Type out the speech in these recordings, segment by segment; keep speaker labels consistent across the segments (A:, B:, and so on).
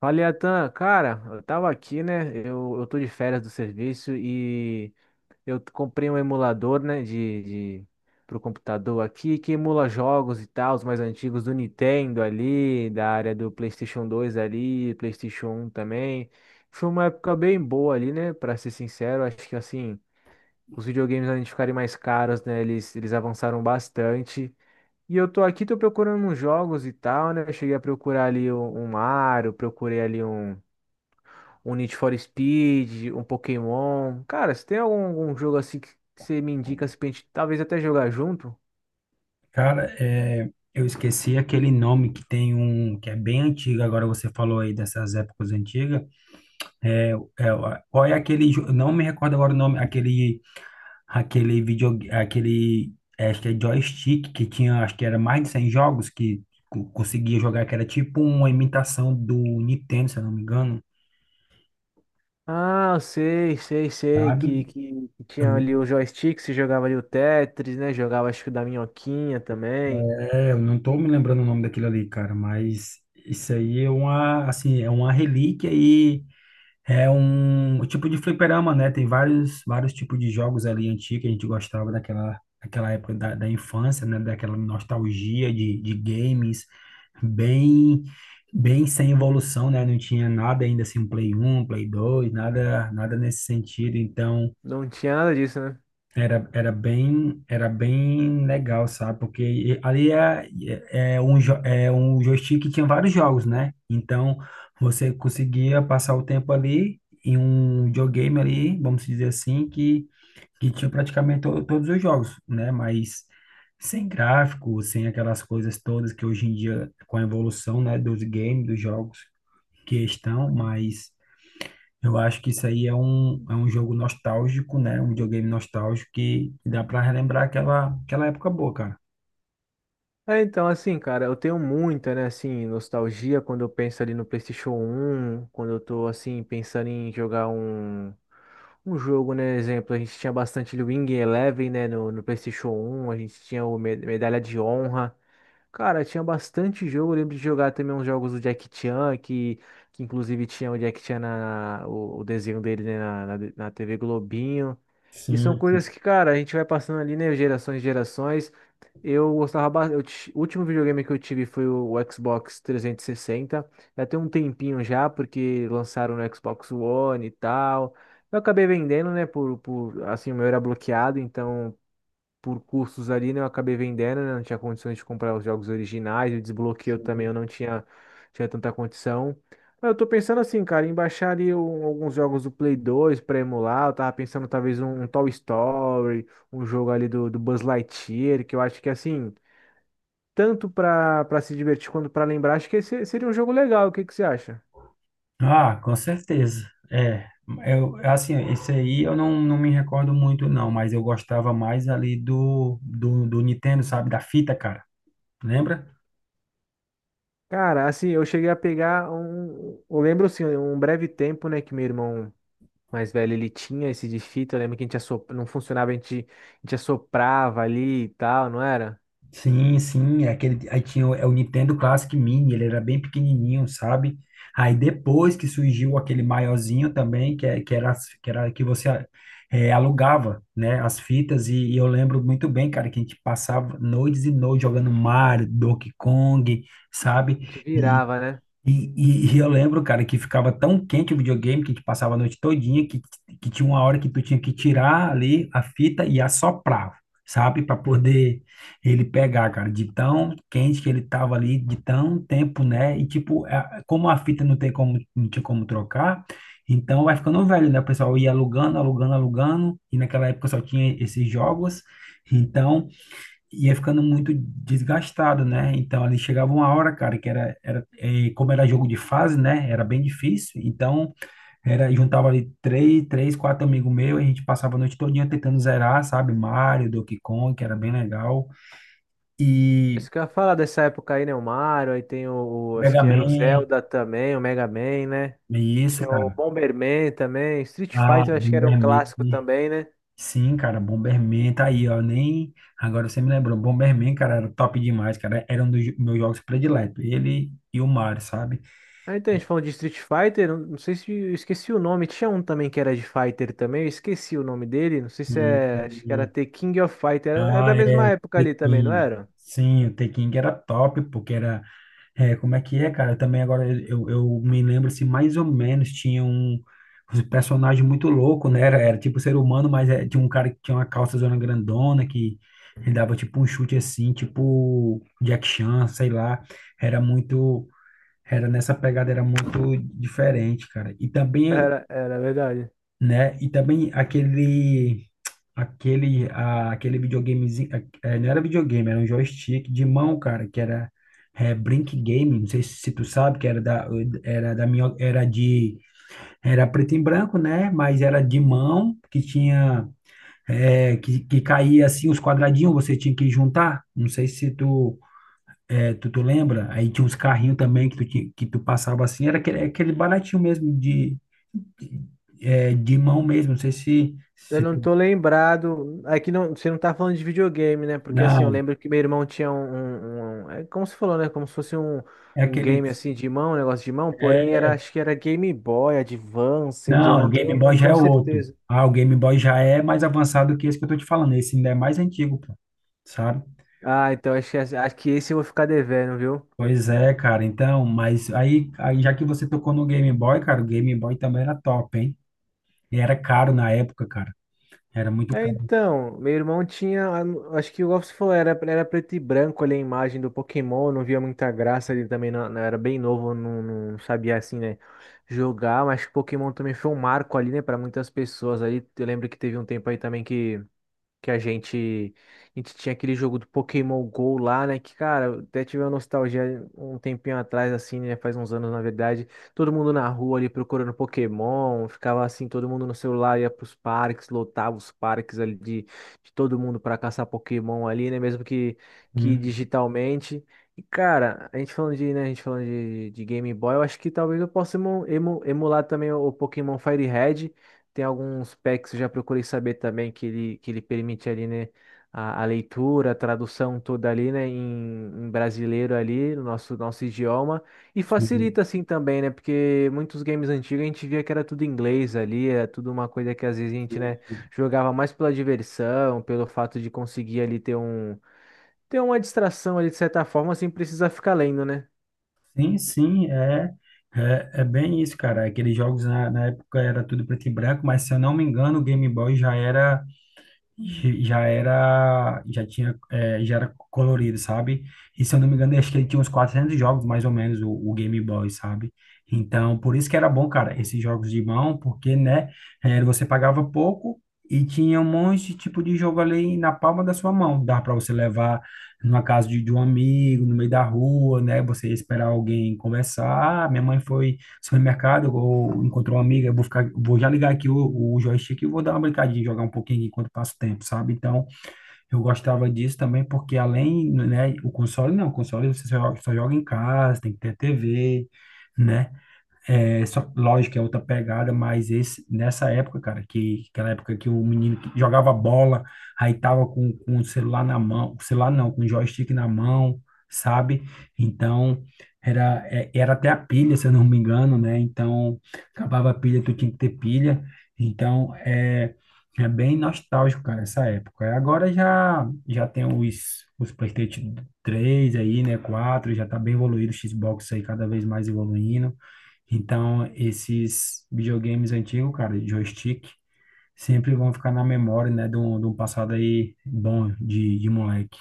A: Fala, Atan, cara, eu tava aqui, né? Eu tô de férias do serviço e comprei um emulador, né, de pro computador aqui que emula jogos e tal, os mais antigos do Nintendo ali, da área do PlayStation 2 ali, PlayStation 1 também. Foi uma época bem boa ali, né? Pra ser sincero, acho que assim, os videogames além de ficarem mais caros, né, eles avançaram bastante. E eu tô aqui, tô procurando uns jogos e tal, né? Eu cheguei a procurar ali um Mario, procurei ali um Need for Speed, um Pokémon. Cara, se tem algum jogo assim que você me indica assim, pra gente talvez até jogar junto?
B: Cara, eu esqueci aquele nome que tem um que é bem antigo. Agora você falou aí dessas épocas antigas. É, é, qual é aquele? Não me recordo agora o nome. Aquele vídeo, acho que é joystick que tinha, acho que era mais de 100 jogos que conseguia jogar. Que era tipo uma imitação do Nintendo, se eu não me engano,
A: Ah, eu sei, sei, sei,
B: sabe?
A: que tinha ali o joystick, você jogava ali o Tetris, né? Jogava acho que o da Minhoquinha também.
B: É, eu não tô me lembrando o nome daquilo ali, cara. Mas isso aí é uma, assim, é uma relíquia e é um tipo de fliperama, né? Tem vários tipos de jogos ali antigos que a gente gostava daquela época da infância, né? Daquela nostalgia de games bem, bem sem evolução, né? Não tinha nada ainda assim, um Play 1, Play 2, nada, nada nesse sentido. Então,
A: Não tinha nada disso, né?
B: era bem legal, sabe? Porque ali é, é é um, jo- é um joystick que tinha vários jogos, né? Então, você conseguia passar o tempo ali em um videogame ali, vamos dizer assim, que tinha praticamente todos os jogos, né? Mas sem gráfico, sem aquelas coisas todas que hoje em dia, com a evolução, né, dos games, dos jogos que estão, mas... Eu acho que isso aí é um jogo nostálgico, né? Um videogame nostálgico que dá para relembrar aquela época boa, cara.
A: É, então, assim, cara, eu tenho muita, né, assim, nostalgia quando eu penso ali no PlayStation 1 quando eu tô, assim, pensando em jogar jogo, né, exemplo, a gente tinha bastante ali o Wing Eleven, né, no, no PlayStation 1 a gente tinha o Medalha de Honra. Cara, tinha bastante jogo. Eu lembro de jogar também uns jogos do Jack Chan, que inclusive tinha o Jack Chan, o desenho dele, né, na TV Globinho. E são
B: Sim,
A: coisas
B: sim,
A: que, cara, a gente vai passando ali, né, gerações e gerações. Eu gostava bastante. O último videogame que eu tive foi o Xbox 360. Já tem um tempinho já, porque lançaram no Xbox One e tal. Eu acabei vendendo, né, por assim, o meu era bloqueado, então por cursos ali, né? Eu acabei vendendo, né? Não tinha condições de comprar os jogos originais, o desbloqueio também
B: sim.
A: eu não tinha, tinha tanta condição. Mas eu tô pensando assim, cara, em baixar ali alguns jogos do Play 2 pra emular. Eu tava pensando talvez Toy Story, um jogo ali do, do Buzz Lightyear, que eu acho que assim, tanto pra, pra se divertir quanto pra lembrar, acho que esse seria um jogo legal. O que que você acha?
B: Ah, com certeza. É, eu, assim, esse aí eu não, não me recordo muito, não, mas eu gostava mais ali do Nintendo, sabe? Da fita, cara. Lembra?
A: Cara, assim, eu cheguei a pegar um. Eu lembro assim, um breve tempo, né, que meu irmão mais velho, ele tinha esse de fita. Eu lembro que a gente assop, não funcionava, a gente, a gente assoprava ali e tal, não era?
B: Sim, sim, é aquele, aí tinha o, é o Nintendo Classic Mini, ele era bem pequenininho, sabe? Aí depois que surgiu aquele maiorzinho também, que, é- que era, as- que era que você é, alugava, né, as fitas, e eu lembro muito bem, cara, que a gente passava noites e noites jogando Mario, Donkey Kong, sabe?
A: A gente virava, né?
B: E eu lembro, cara, que ficava tão quente o videogame que a gente passava a noite todinha que tinha uma hora que tu tinha que tirar ali a fita e assoprar, sabe? Para poder ele pegar, cara, de tão quente que ele tava ali, de tão tempo, né? E tipo, como a fita não tem como, não tinha como trocar, então vai ficando velho, né? O pessoal ia alugando, alugando, alugando, e naquela época só tinha esses jogos. Então, ia ficando muito desgastado, né? Então ali chegava uma hora, cara, que era, era eh, como era jogo de fase, né? Era bem difícil. Então era juntava ali três, quatro amigos meus, e a gente passava a noite todinha tentando zerar, sabe? Mario, Donkey Kong, que era bem legal, e
A: Isso que eu ia falar dessa época aí, né? O Mario, aí tem acho
B: Mega
A: que era o
B: Man,
A: Zelda também, o Mega Man, né?
B: e isso,
A: Tinha o
B: cara.
A: Bomberman também. Street
B: Ah,
A: Fighter, acho que era um
B: Bomberman.
A: clássico também, né?
B: Sim, cara, Bomberman tá aí, ó. Nem agora você me lembrou. Bomberman, cara, era top demais, cara. Era um dos meus jogos prediletos. Ele e o Mario, sabe?
A: Ah, então a gente falou de Street Fighter, não não sei se eu esqueci o nome. Tinha um também que era de Fighter também, eu esqueci o nome dele. Não sei se
B: Hum,
A: é.
B: hum,
A: Acho que era
B: hum.
A: The King of Fighter. Era, era
B: Ah,
A: da mesma
B: é,
A: época ali também, não
B: Tekken.
A: era?
B: Sim, o Tekken era top, porque era. É, como é que é, cara? Também agora eu me lembro se mais ou menos tinha um personagem muito louco, né? Era tipo ser humano, mas é, tinha um cara que tinha uma calça zona grandona que ele dava tipo um chute assim, tipo Jack Chan, sei lá. Era muito. Era nessa pegada, era muito diferente, cara. E também
A: É verdade.
B: né? E também aquele videogamezinho, não era videogame, era um joystick de mão, cara, que era é, Brink Game, não sei se tu sabe, que era da minha era de era preto e branco, né? Mas era de mão que tinha que caía assim os quadradinhos, você tinha que juntar. Não sei se tu tu lembra. Aí tinha uns carrinhos também que tu, tinha- que tu passava assim, era aquele baratinho mesmo de é, de mão mesmo, não sei
A: Eu não tô lembrado. Aqui não, você não tá falando de videogame, né? Porque assim, eu
B: Não,
A: lembro que meu irmão tinha é como você falou, né? Como se fosse
B: é
A: game
B: aqueles.
A: assim de mão, um negócio de mão, porém
B: É,
A: era, acho que era Game Boy, Advance, eu
B: não, o Game Boy
A: não
B: já é
A: tenho
B: outro.
A: certeza.
B: Ah, o Game Boy já é mais avançado que esse que eu tô te falando. Esse ainda é mais antigo, pô, sabe?
A: Ah, então acho que esse eu vou ficar devendo, viu?
B: Pois é, cara. Então, aí já que você tocou no Game Boy, cara, o Game Boy também era top, hein? E era caro na época, cara. Era muito
A: É,
B: caro.
A: então, meu irmão tinha, acho que igual você falou, era, era preto e branco ali a imagem do Pokémon, eu não via muita graça, ele também não, era bem novo, não, não sabia assim, né, jogar, mas Pokémon também foi um marco ali, né, para muitas pessoas ali. Eu lembro que teve um tempo aí também que a gente tinha aquele jogo do Pokémon Go lá, né? Que, cara, eu até tive uma nostalgia um tempinho atrás, assim, né? Faz uns anos, na verdade. Todo mundo na rua ali procurando Pokémon, ficava assim, todo mundo no celular, ia pros parques, lotava os parques ali de todo mundo para caçar Pokémon ali, né? Mesmo que
B: Hum,
A: digitalmente. E, cara, a gente falando de, né, a gente falando de Game Boy, eu acho que talvez eu possa emular também o Pokémon Fire Red. Tem alguns packs, que eu já procurei saber também que ele permite ali, né, a leitura, a tradução toda ali, né, brasileiro ali, no nosso idioma. E
B: sim.
A: facilita assim também, né, porque muitos games antigos a gente via que era tudo em inglês ali, era tudo uma coisa que às vezes a gente, né, jogava mais pela diversão, pelo fato de conseguir ali ter uma distração ali de certa forma, sem precisar ficar lendo, né?
B: Sim, sim, é bem e já era, já tinha, é, já era colorido, sabe? E se eu não me engano, acho que ele tinha uns 400 jogos, mais ou menos, o Game Boy, sabe? Então, por isso que era bom, cara, esses jogos de mão, porque, né, é, você pagava pouco e tinha um monte de tipo de jogo ali na palma da sua mão. Dava para você levar numa casa de um amigo, no meio da rua, né? Você ia esperar alguém conversar. Ah, minha mãe foi supermercado, ou encontrou uma amiga, eu vou ficar, vou já ligar aqui o joystick e vou dar uma brincadinha, jogar um pouquinho aqui enquanto passa o tempo, sabe? Então, eu gostava disso também, porque além, né, o console não, o console você só joga em casa, tem que ter TV, né? É, só, lógico, é outra pegada, mas esse, nessa época, cara, que aquela época que o menino que jogava bola, aí tava com o celular na mão, celular não, com o joystick na mão, sabe? Então, era até a pilha, se eu não me engano, né? Então, acabava a pilha, tu tinha que ter pilha. Então, é, é bem nostálgico, cara, essa época. Agora já tem os PlayStation 3 aí, né? Quatro já tá bem evoluído, o Xbox aí cada vez mais evoluindo. Então, esses videogames antigos, cara, de joystick, sempre vão ficar na memória, né, de um passado aí bom de moleque.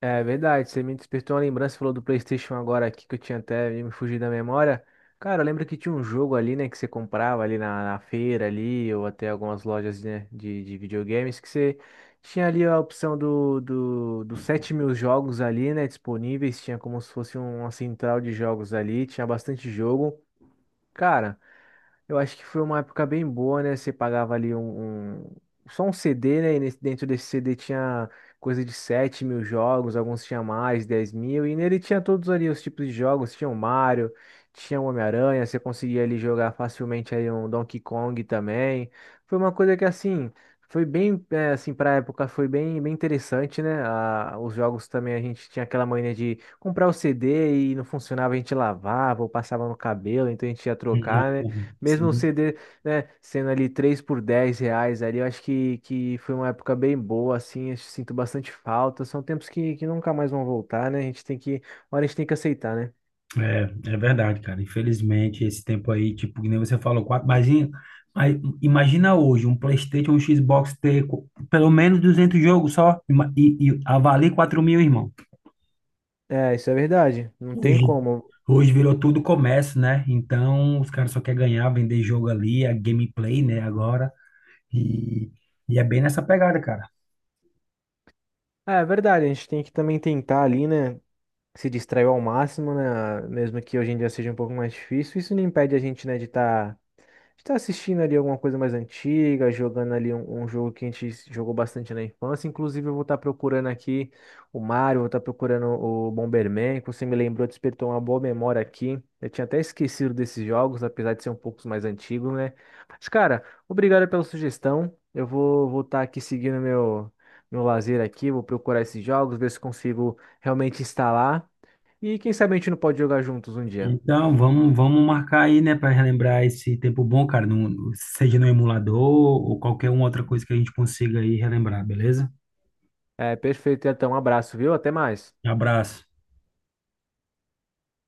A: É verdade, você me despertou uma lembrança, falou do PlayStation agora aqui que eu tinha até me fugido da memória. Cara, eu lembro que tinha um jogo ali, né, que você comprava ali na, na feira ali, ou até algumas lojas, né, de videogames, que você tinha ali a opção dos 7.000 jogos ali, né, disponíveis, tinha como se fosse uma central de jogos ali, tinha bastante jogo. Cara, eu acho que foi uma época bem boa, né? Você pagava ali só um CD, né? E dentro desse CD tinha coisa de 7.000 jogos, alguns tinha mais, 10.000, e nele tinha todos ali os tipos de jogos, tinha o Mario, tinha o Homem-Aranha, você conseguia ali jogar facilmente ali um Donkey Kong também. Foi uma coisa que assim, foi bem, é, assim, pra época foi bem, bem interessante, né? Os jogos também a gente tinha aquela mania de comprar o CD e não funcionava, a gente lavava ou passava no cabelo, então a gente ia trocar, né?
B: Uhum,
A: Mesmo o
B: sim,
A: CD, né, sendo ali 3 por 10 reais ali, eu acho que foi uma época bem boa, assim, eu sinto bastante falta. São tempos que nunca mais vão voltar, né? A gente tem que, uma hora a gente tem que aceitar, né?
B: é, é verdade, cara. Infelizmente, esse tempo aí, tipo, que nem você falou, quatro, mas imagina hoje um PlayStation, um Xbox ter pelo menos 200 jogos só e avalie 4.000, irmão.
A: É, isso é verdade, não tem
B: Hoje,
A: como.
B: hoje virou tudo comércio, né? Então, os caras só querem ganhar, vender jogo ali, a gameplay, né? Agora. E, e é bem nessa pegada, cara.
A: É, é verdade, a gente tem que também tentar ali, né, se distrair ao máximo, né, mesmo que hoje em dia seja um pouco mais difícil. Isso não impede a gente, né, de estar. A gente tá assistindo ali alguma coisa mais antiga, jogando ali jogo que a gente jogou bastante na infância. Inclusive, eu vou estar procurando aqui o Mario, vou estar procurando o Bomberman, que você me lembrou, despertou uma boa memória aqui. Eu tinha até esquecido desses jogos, apesar de ser um pouco mais antigo, né? Mas, cara, obrigado pela sugestão. Eu vou voltar aqui seguindo meu lazer aqui, vou procurar esses jogos, ver se consigo realmente instalar. E quem sabe a gente não pode jogar juntos um dia.
B: Então, vamos, vamos marcar aí, né, para relembrar esse tempo bom, cara, no, seja no emulador ou qualquer uma outra coisa que a gente consiga aí relembrar, beleza?
A: É, perfeito. Então, um abraço, viu? Até mais.
B: Um abraço.